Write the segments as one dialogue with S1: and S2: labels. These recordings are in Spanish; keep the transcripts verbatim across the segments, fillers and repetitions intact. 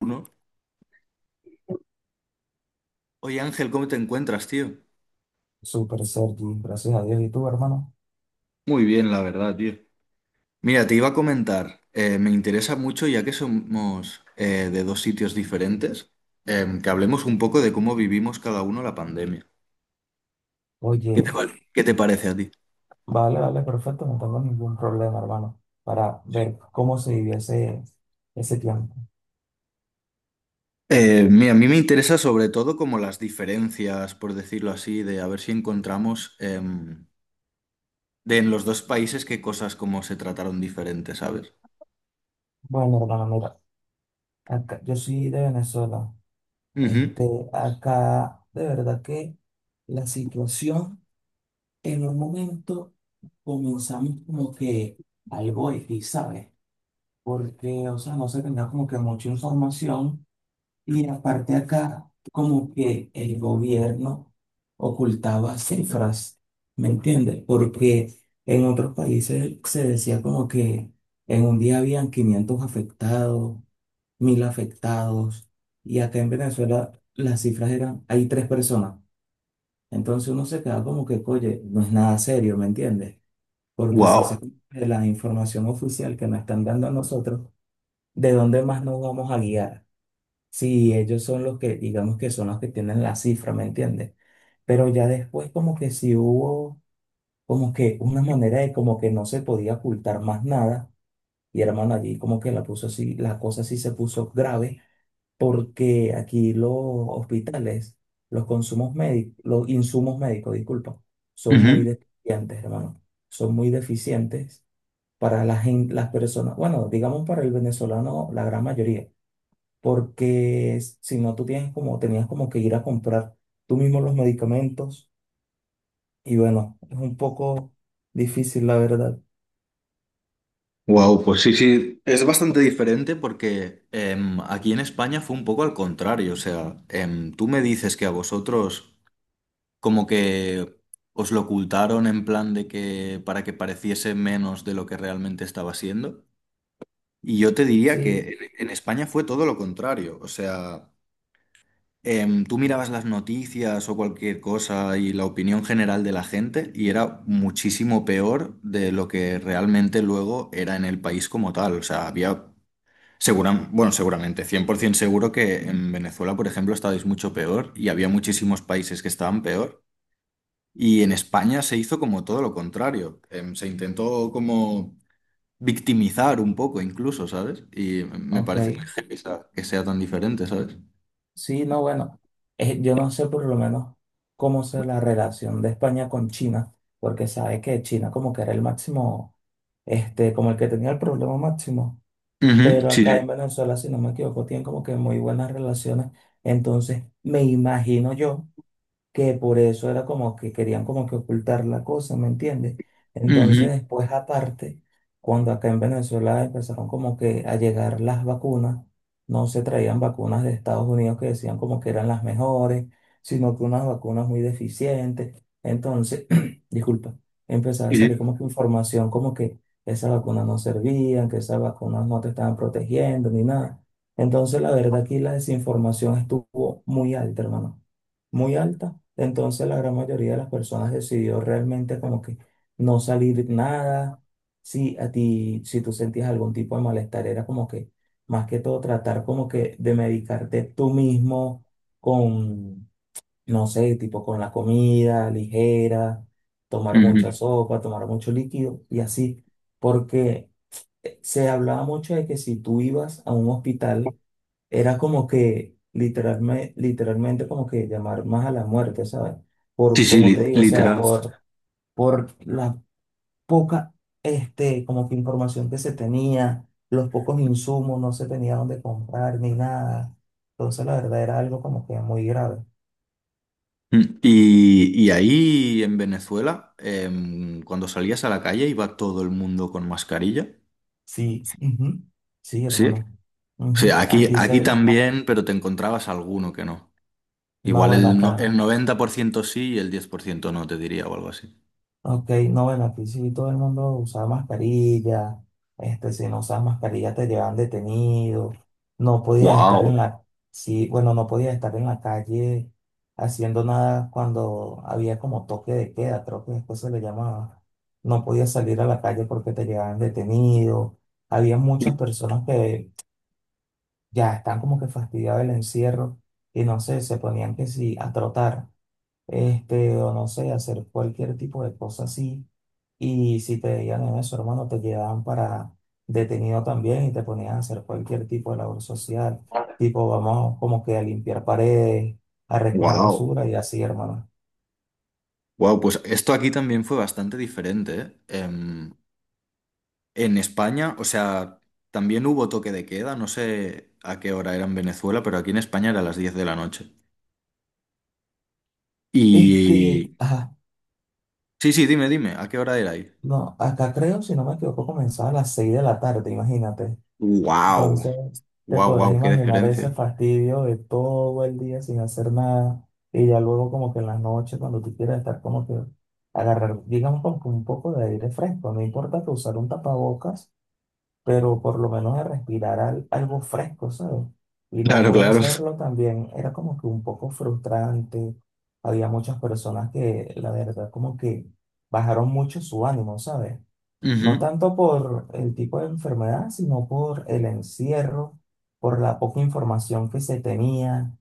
S1: Uno. Oye Ángel, ¿cómo te encuentras, tío?
S2: Súper, Sergi, gracias a Dios. ¿Y tú, hermano?
S1: Muy bien, la verdad, tío. Mira, te iba a comentar, eh, me interesa mucho ya que somos eh, de dos sitios diferentes, em, que hablemos un poco de cómo vivimos cada uno la pandemia. ¿Qué te,
S2: Oye,
S1: vale? ¿Qué te parece a ti?
S2: vale, vale, perfecto, no tengo ningún problema, hermano, para ver cómo se vivió ese, ese tiempo.
S1: Eh, mira, a mí me interesa sobre todo como las diferencias, por decirlo así, de a ver si encontramos em, de en los dos países qué cosas como se trataron diferentes, ¿sabes?
S2: Bueno, hermano, mira, acá, yo soy de Venezuela. Este, acá, de verdad que la situación en un momento comenzamos como que algo X, ¿sabes? Porque, o sea, no se tenía como que mucha información. Y aparte acá, como que el gobierno ocultaba cifras, ¿me entiendes? Porque en otros países se decía como que en un día habían quinientos afectados, mil afectados, y acá en Venezuela las cifras eran, hay tres personas. Entonces uno se queda como que, oye, no es nada serio, ¿me entiendes? Porque si esa
S1: Wow.
S2: es la información oficial que nos están dando a nosotros, ¿de dónde más nos vamos a guiar? Sí, ellos son los que, digamos que son los que tienen la cifra, ¿me entiendes? Pero ya después como que sí hubo como que una manera de como que no se podía ocultar más nada. Y hermano, allí como que la puso así, la cosa sí se puso grave, porque aquí los hospitales, los consumos médicos, los insumos médicos, disculpa, son muy deficientes, hermano. Son muy deficientes para la gen- las personas, bueno, digamos para el venezolano, la gran mayoría porque si no tú tienes como, tenías como que ir a comprar tú mismo los medicamentos y bueno, es un poco difícil la verdad.
S1: Wow, pues sí, sí, es bastante diferente porque em, aquí en España fue un poco al contrario. O sea, em, tú me dices que a vosotros como que os lo ocultaron en plan de que para que pareciese menos de lo que realmente estaba siendo. Y yo te diría que
S2: Sí,
S1: en en España fue todo lo contrario. O sea, em, tú mirabas las noticias o cualquier cosa y la opinión general de la gente y era muchísimo peor de lo que realmente luego era en el país como tal. O sea, había Segura- bueno, seguramente, cien por ciento seguro que en Venezuela, por ejemplo, estabais mucho peor y había muchísimos países que estaban peor. Y en España se hizo como todo lo contrario. Em, se intentó como victimizar un poco incluso, ¿sabes? Y me
S2: ok.
S1: parece muy heavy esa- que sea tan diferente, ¿sabes?
S2: Sí, no, bueno, eh, yo no sé por lo menos cómo sea la relación de España con China, porque sabe que China como que era el máximo, este, como el que tenía el problema máximo,
S1: Ujú,
S2: pero
S1: sí,
S2: acá en
S1: sí.
S2: Venezuela, si no me equivoco, tienen como que muy buenas relaciones, entonces me imagino yo que por eso era como que querían como que ocultar la cosa, ¿me entiendes? Entonces
S1: Ujú,
S2: después aparte, cuando acá en Venezuela empezaron como que a llegar las vacunas, no se traían vacunas de Estados Unidos que decían como que eran las mejores, sino que unas vacunas muy deficientes. Entonces, disculpa, empezaba a
S1: sí, sí.
S2: salir como que información como que esas vacunas no servían, que esas vacunas no te estaban protegiendo ni nada. Entonces, la verdad aquí la desinformación estuvo muy alta, hermano muy alta. Entonces la gran mayoría de las personas decidió realmente como que no salir nada. Si a ti, si tú sentías algún tipo de malestar, era como que más que todo tratar como que de medicarte tú mismo con, no sé, tipo con la comida ligera, tomar mucha
S1: Ujú.
S2: sopa, tomar mucho líquido y así. Porque eh, se hablaba mucho de que si tú ibas a un hospital, era como que literalmente, literalmente como que llamar más a la muerte, ¿sabes?
S1: Sí,
S2: Por,
S1: sí,
S2: como te
S1: li-
S2: digo, o sea,
S1: literal.
S2: por, por la poca, este, como que información que se tenía, los pocos insumos, no se tenía dónde comprar ni nada. Entonces, la verdad era algo como que muy grave.
S1: Mm, Y, y ahí en Venezuela, em, cuando salías a la calle, iba todo el mundo con mascarilla.
S2: Sí, ujú, sí,
S1: Sí.
S2: hermano.
S1: Sí,
S2: Ujú,
S1: aquí,
S2: aquí
S1: aquí
S2: se,
S1: también, pero te encontrabas alguno que no.
S2: no,
S1: Igual
S2: bueno,
S1: el, no-
S2: acá.
S1: el noventa por ciento sí y el diez por ciento no, te diría, o algo así.
S2: Ok, no, bueno, aquí sí todo el mundo usaba mascarilla, este, si no usabas mascarilla te llevaban detenido, no podías estar
S1: Wow.
S2: en la, sí, bueno, no podías estar en la calle haciendo nada cuando había como toque de queda, creo que después se le llamaba, no podías salir a la calle porque te llevaban detenido, había muchas personas que ya están como que fastidiadas del encierro y no sé, se ponían que sí, a trotar, este, o no sé, a hacer cualquier tipo de cosa así y si te veían en eso, hermano, te llevaban para detenido también y te ponían a hacer cualquier tipo de labor social, tipo vamos como que a limpiar paredes, a recoger
S1: Wow.
S2: basura y así, hermano.
S1: Wow, pues esto aquí también fue bastante diferente, ¿eh? Em, en España, o sea, también hubo toque de queda, no sé a qué hora era en Venezuela, pero aquí en España era a las diez de la noche.
S2: Este,
S1: Y...
S2: ajá,
S1: Sí, sí, dime, dime, ¿a qué hora era ahí?
S2: no, acá creo, si no me equivoco, comenzaba a las seis de la tarde, imagínate.
S1: Wow.
S2: Entonces, te
S1: Wow,
S2: podrás
S1: wow, qué
S2: imaginar ese
S1: diferencia.
S2: fastidio de todo el día sin hacer nada y ya luego como que en las noches cuando tú quieras estar como que agarrar, digamos como que un poco de aire fresco, no importa que usar un tapabocas pero por lo menos a respirar al- algo fresco, ¿sabes? Y no
S1: Claro,
S2: poder
S1: claro.
S2: hacerlo también era como que un poco frustrante. Había muchas personas que, la verdad, como que bajaron mucho su ánimo, ¿sabes? No
S1: Ujú.
S2: tanto por el tipo de enfermedad, sino por el encierro, por la poca información que se tenía.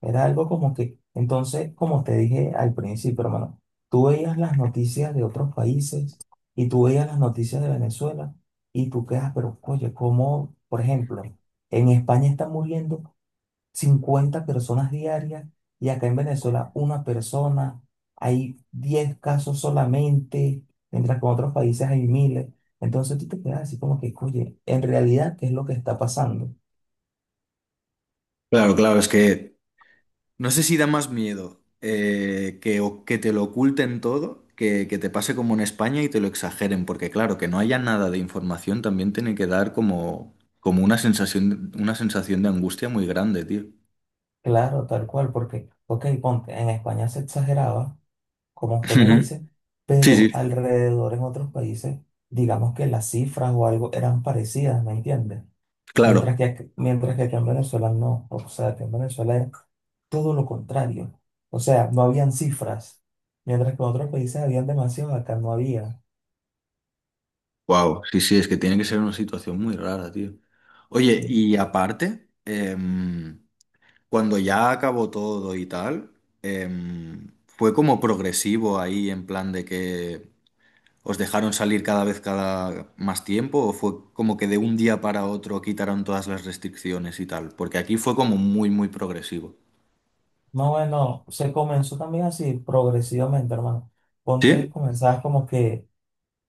S2: Era algo como que, entonces, como te dije al principio, hermano, tú veías las noticias de otros países y tú veías las noticias de Venezuela y tú quedas, pero oye, ¿cómo, por ejemplo, en España están muriendo cincuenta personas diarias y acá en Venezuela una persona, hay diez casos solamente, mientras que en otros países hay miles? Entonces tú te quedas así como que, oye, en realidad, ¿qué es lo que está pasando?
S1: Claro, claro, es que no sé si da más miedo eh, que, o- que te lo oculten todo, que, que te pase como en España y te lo exageren, porque claro, que no haya nada de información también tiene que dar como, como una sensación, una sensación de angustia muy grande, tío.
S2: Claro, tal cual, porque, ok, ponte, en España se exageraba, como usted me
S1: Ujú.
S2: dice,
S1: Sí, sí.
S2: pero alrededor en otros países, digamos que las cifras o algo eran parecidas, ¿me entiendes? Mientras
S1: Claro.
S2: que, ac- mientras que aquí en Venezuela no, o sea, que en Venezuela todo lo contrario. O sea, no habían cifras, mientras que en otros países habían demasiado, acá no había.
S1: Wow, sí, sí, es que tiene que ser una situación muy rara, tío. Oye,
S2: Sí.
S1: y aparte, em, cuando ya acabó todo y tal, em, fue como progresivo ahí en plan de que, ¿os dejaron salir cada vez cada más tiempo o fue como que de un día para otro quitaron todas las restricciones y tal? Porque aquí fue como muy, muy progresivo.
S2: No, bueno, se comenzó también así progresivamente, hermano. Ponte,
S1: ¿Sí?
S2: comenzabas como que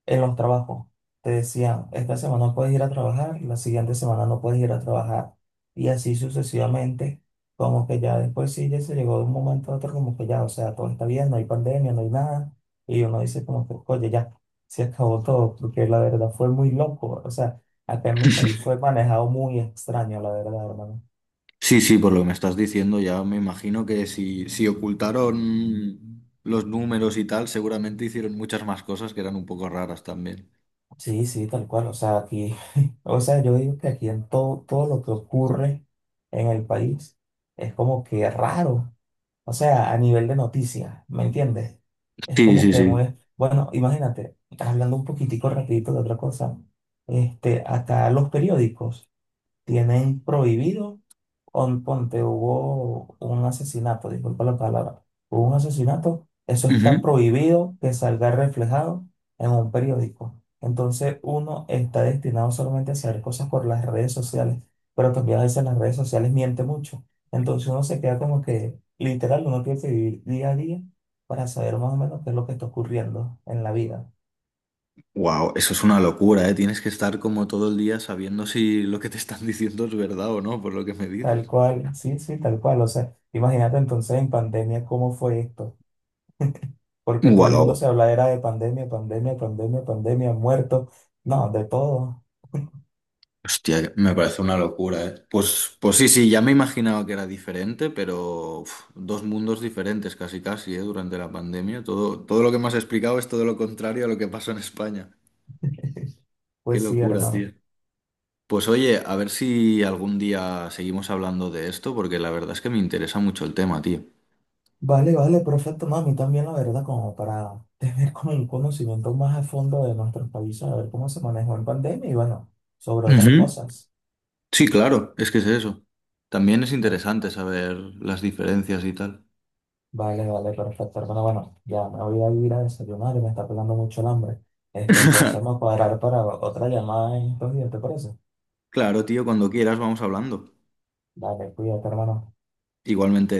S2: en los trabajos. Te decían, esta semana puedes ir a trabajar, la siguiente semana no puedes ir a trabajar. Y así sucesivamente, como que ya después sí, ya se llegó de un momento a otro, como que ya, o sea, todo está bien, no hay pandemia, no hay nada. Y uno dice como que, oye, ya, se acabó todo, porque la verdad fue muy loco. O sea, acá en mi país fue manejado muy extraño, la verdad, hermano.
S1: Sí, sí, por lo que me estás diciendo, ya me imagino que si, si ocultaron los números y tal, seguramente hicieron muchas más cosas que eran un poco raras también.
S2: Sí, sí, tal cual. O sea, aquí, o sea, yo digo que aquí en todo, todo lo que ocurre en el país es como que raro. O sea, a nivel de noticias, ¿me entiendes? Es
S1: Sí,
S2: como
S1: sí,
S2: que no
S1: sí.
S2: es- bueno, imagínate, hablando un poquitico rapidito de otra cosa, este, acá los periódicos tienen prohibido. Pon- Ponte, hubo un asesinato, disculpa la palabra, hubo un asesinato, eso está prohibido que salga reflejado en un periódico. Entonces uno está destinado solamente a hacer cosas por las redes sociales, pero también a veces las redes sociales miente mucho. Entonces uno se queda como que, literal, uno tiene que vivir día a día para saber más o menos qué es lo que está ocurriendo en la vida.
S1: Wow, eso es una locura, ¿eh? Tienes que estar como todo el día sabiendo si lo que te están diciendo es verdad o no, por lo que me
S2: Tal
S1: dices.
S2: cual, sí, sí, tal cual. O sea, imagínate entonces en pandemia cómo fue esto porque todo el mundo
S1: Wow.
S2: se habla era de pandemia, pandemia, pandemia, pandemia, muerto, no, de todo.
S1: Hostia, me parece una locura, ¿eh? Pues, pues sí, sí, ya me imaginaba que era diferente, pero uf, dos mundos diferentes casi casi, ¿eh? Durante la pandemia. Todo, todo lo que me has explicado es todo lo contrario a lo que pasó en España. Qué
S2: Pues sí,
S1: locura, tío.
S2: hermano.
S1: Pues oye, a ver si algún día seguimos hablando de esto, porque la verdad es que me interesa mucho el tema, tío.
S2: Vale, vale, perfecto, mami también la verdad, como para tener como un conocimiento más a fondo de nuestros países, a ver cómo se manejó en pandemia y bueno, sobre otras
S1: Ujú.
S2: cosas.
S1: Sí, claro, es que es eso. También es
S2: ¿No?
S1: interesante saber las diferencias y tal.
S2: Vale, vale, perfecto, hermano. Bueno, ya me voy a ir a desayunar y me está pegando mucho el hambre. Este, entonces vamos a cuadrar para otra llamada en estos días, ¿te parece?
S1: Claro, tío, cuando quieras vamos hablando.
S2: Vale, cuídate, hermano.
S1: Igualmente.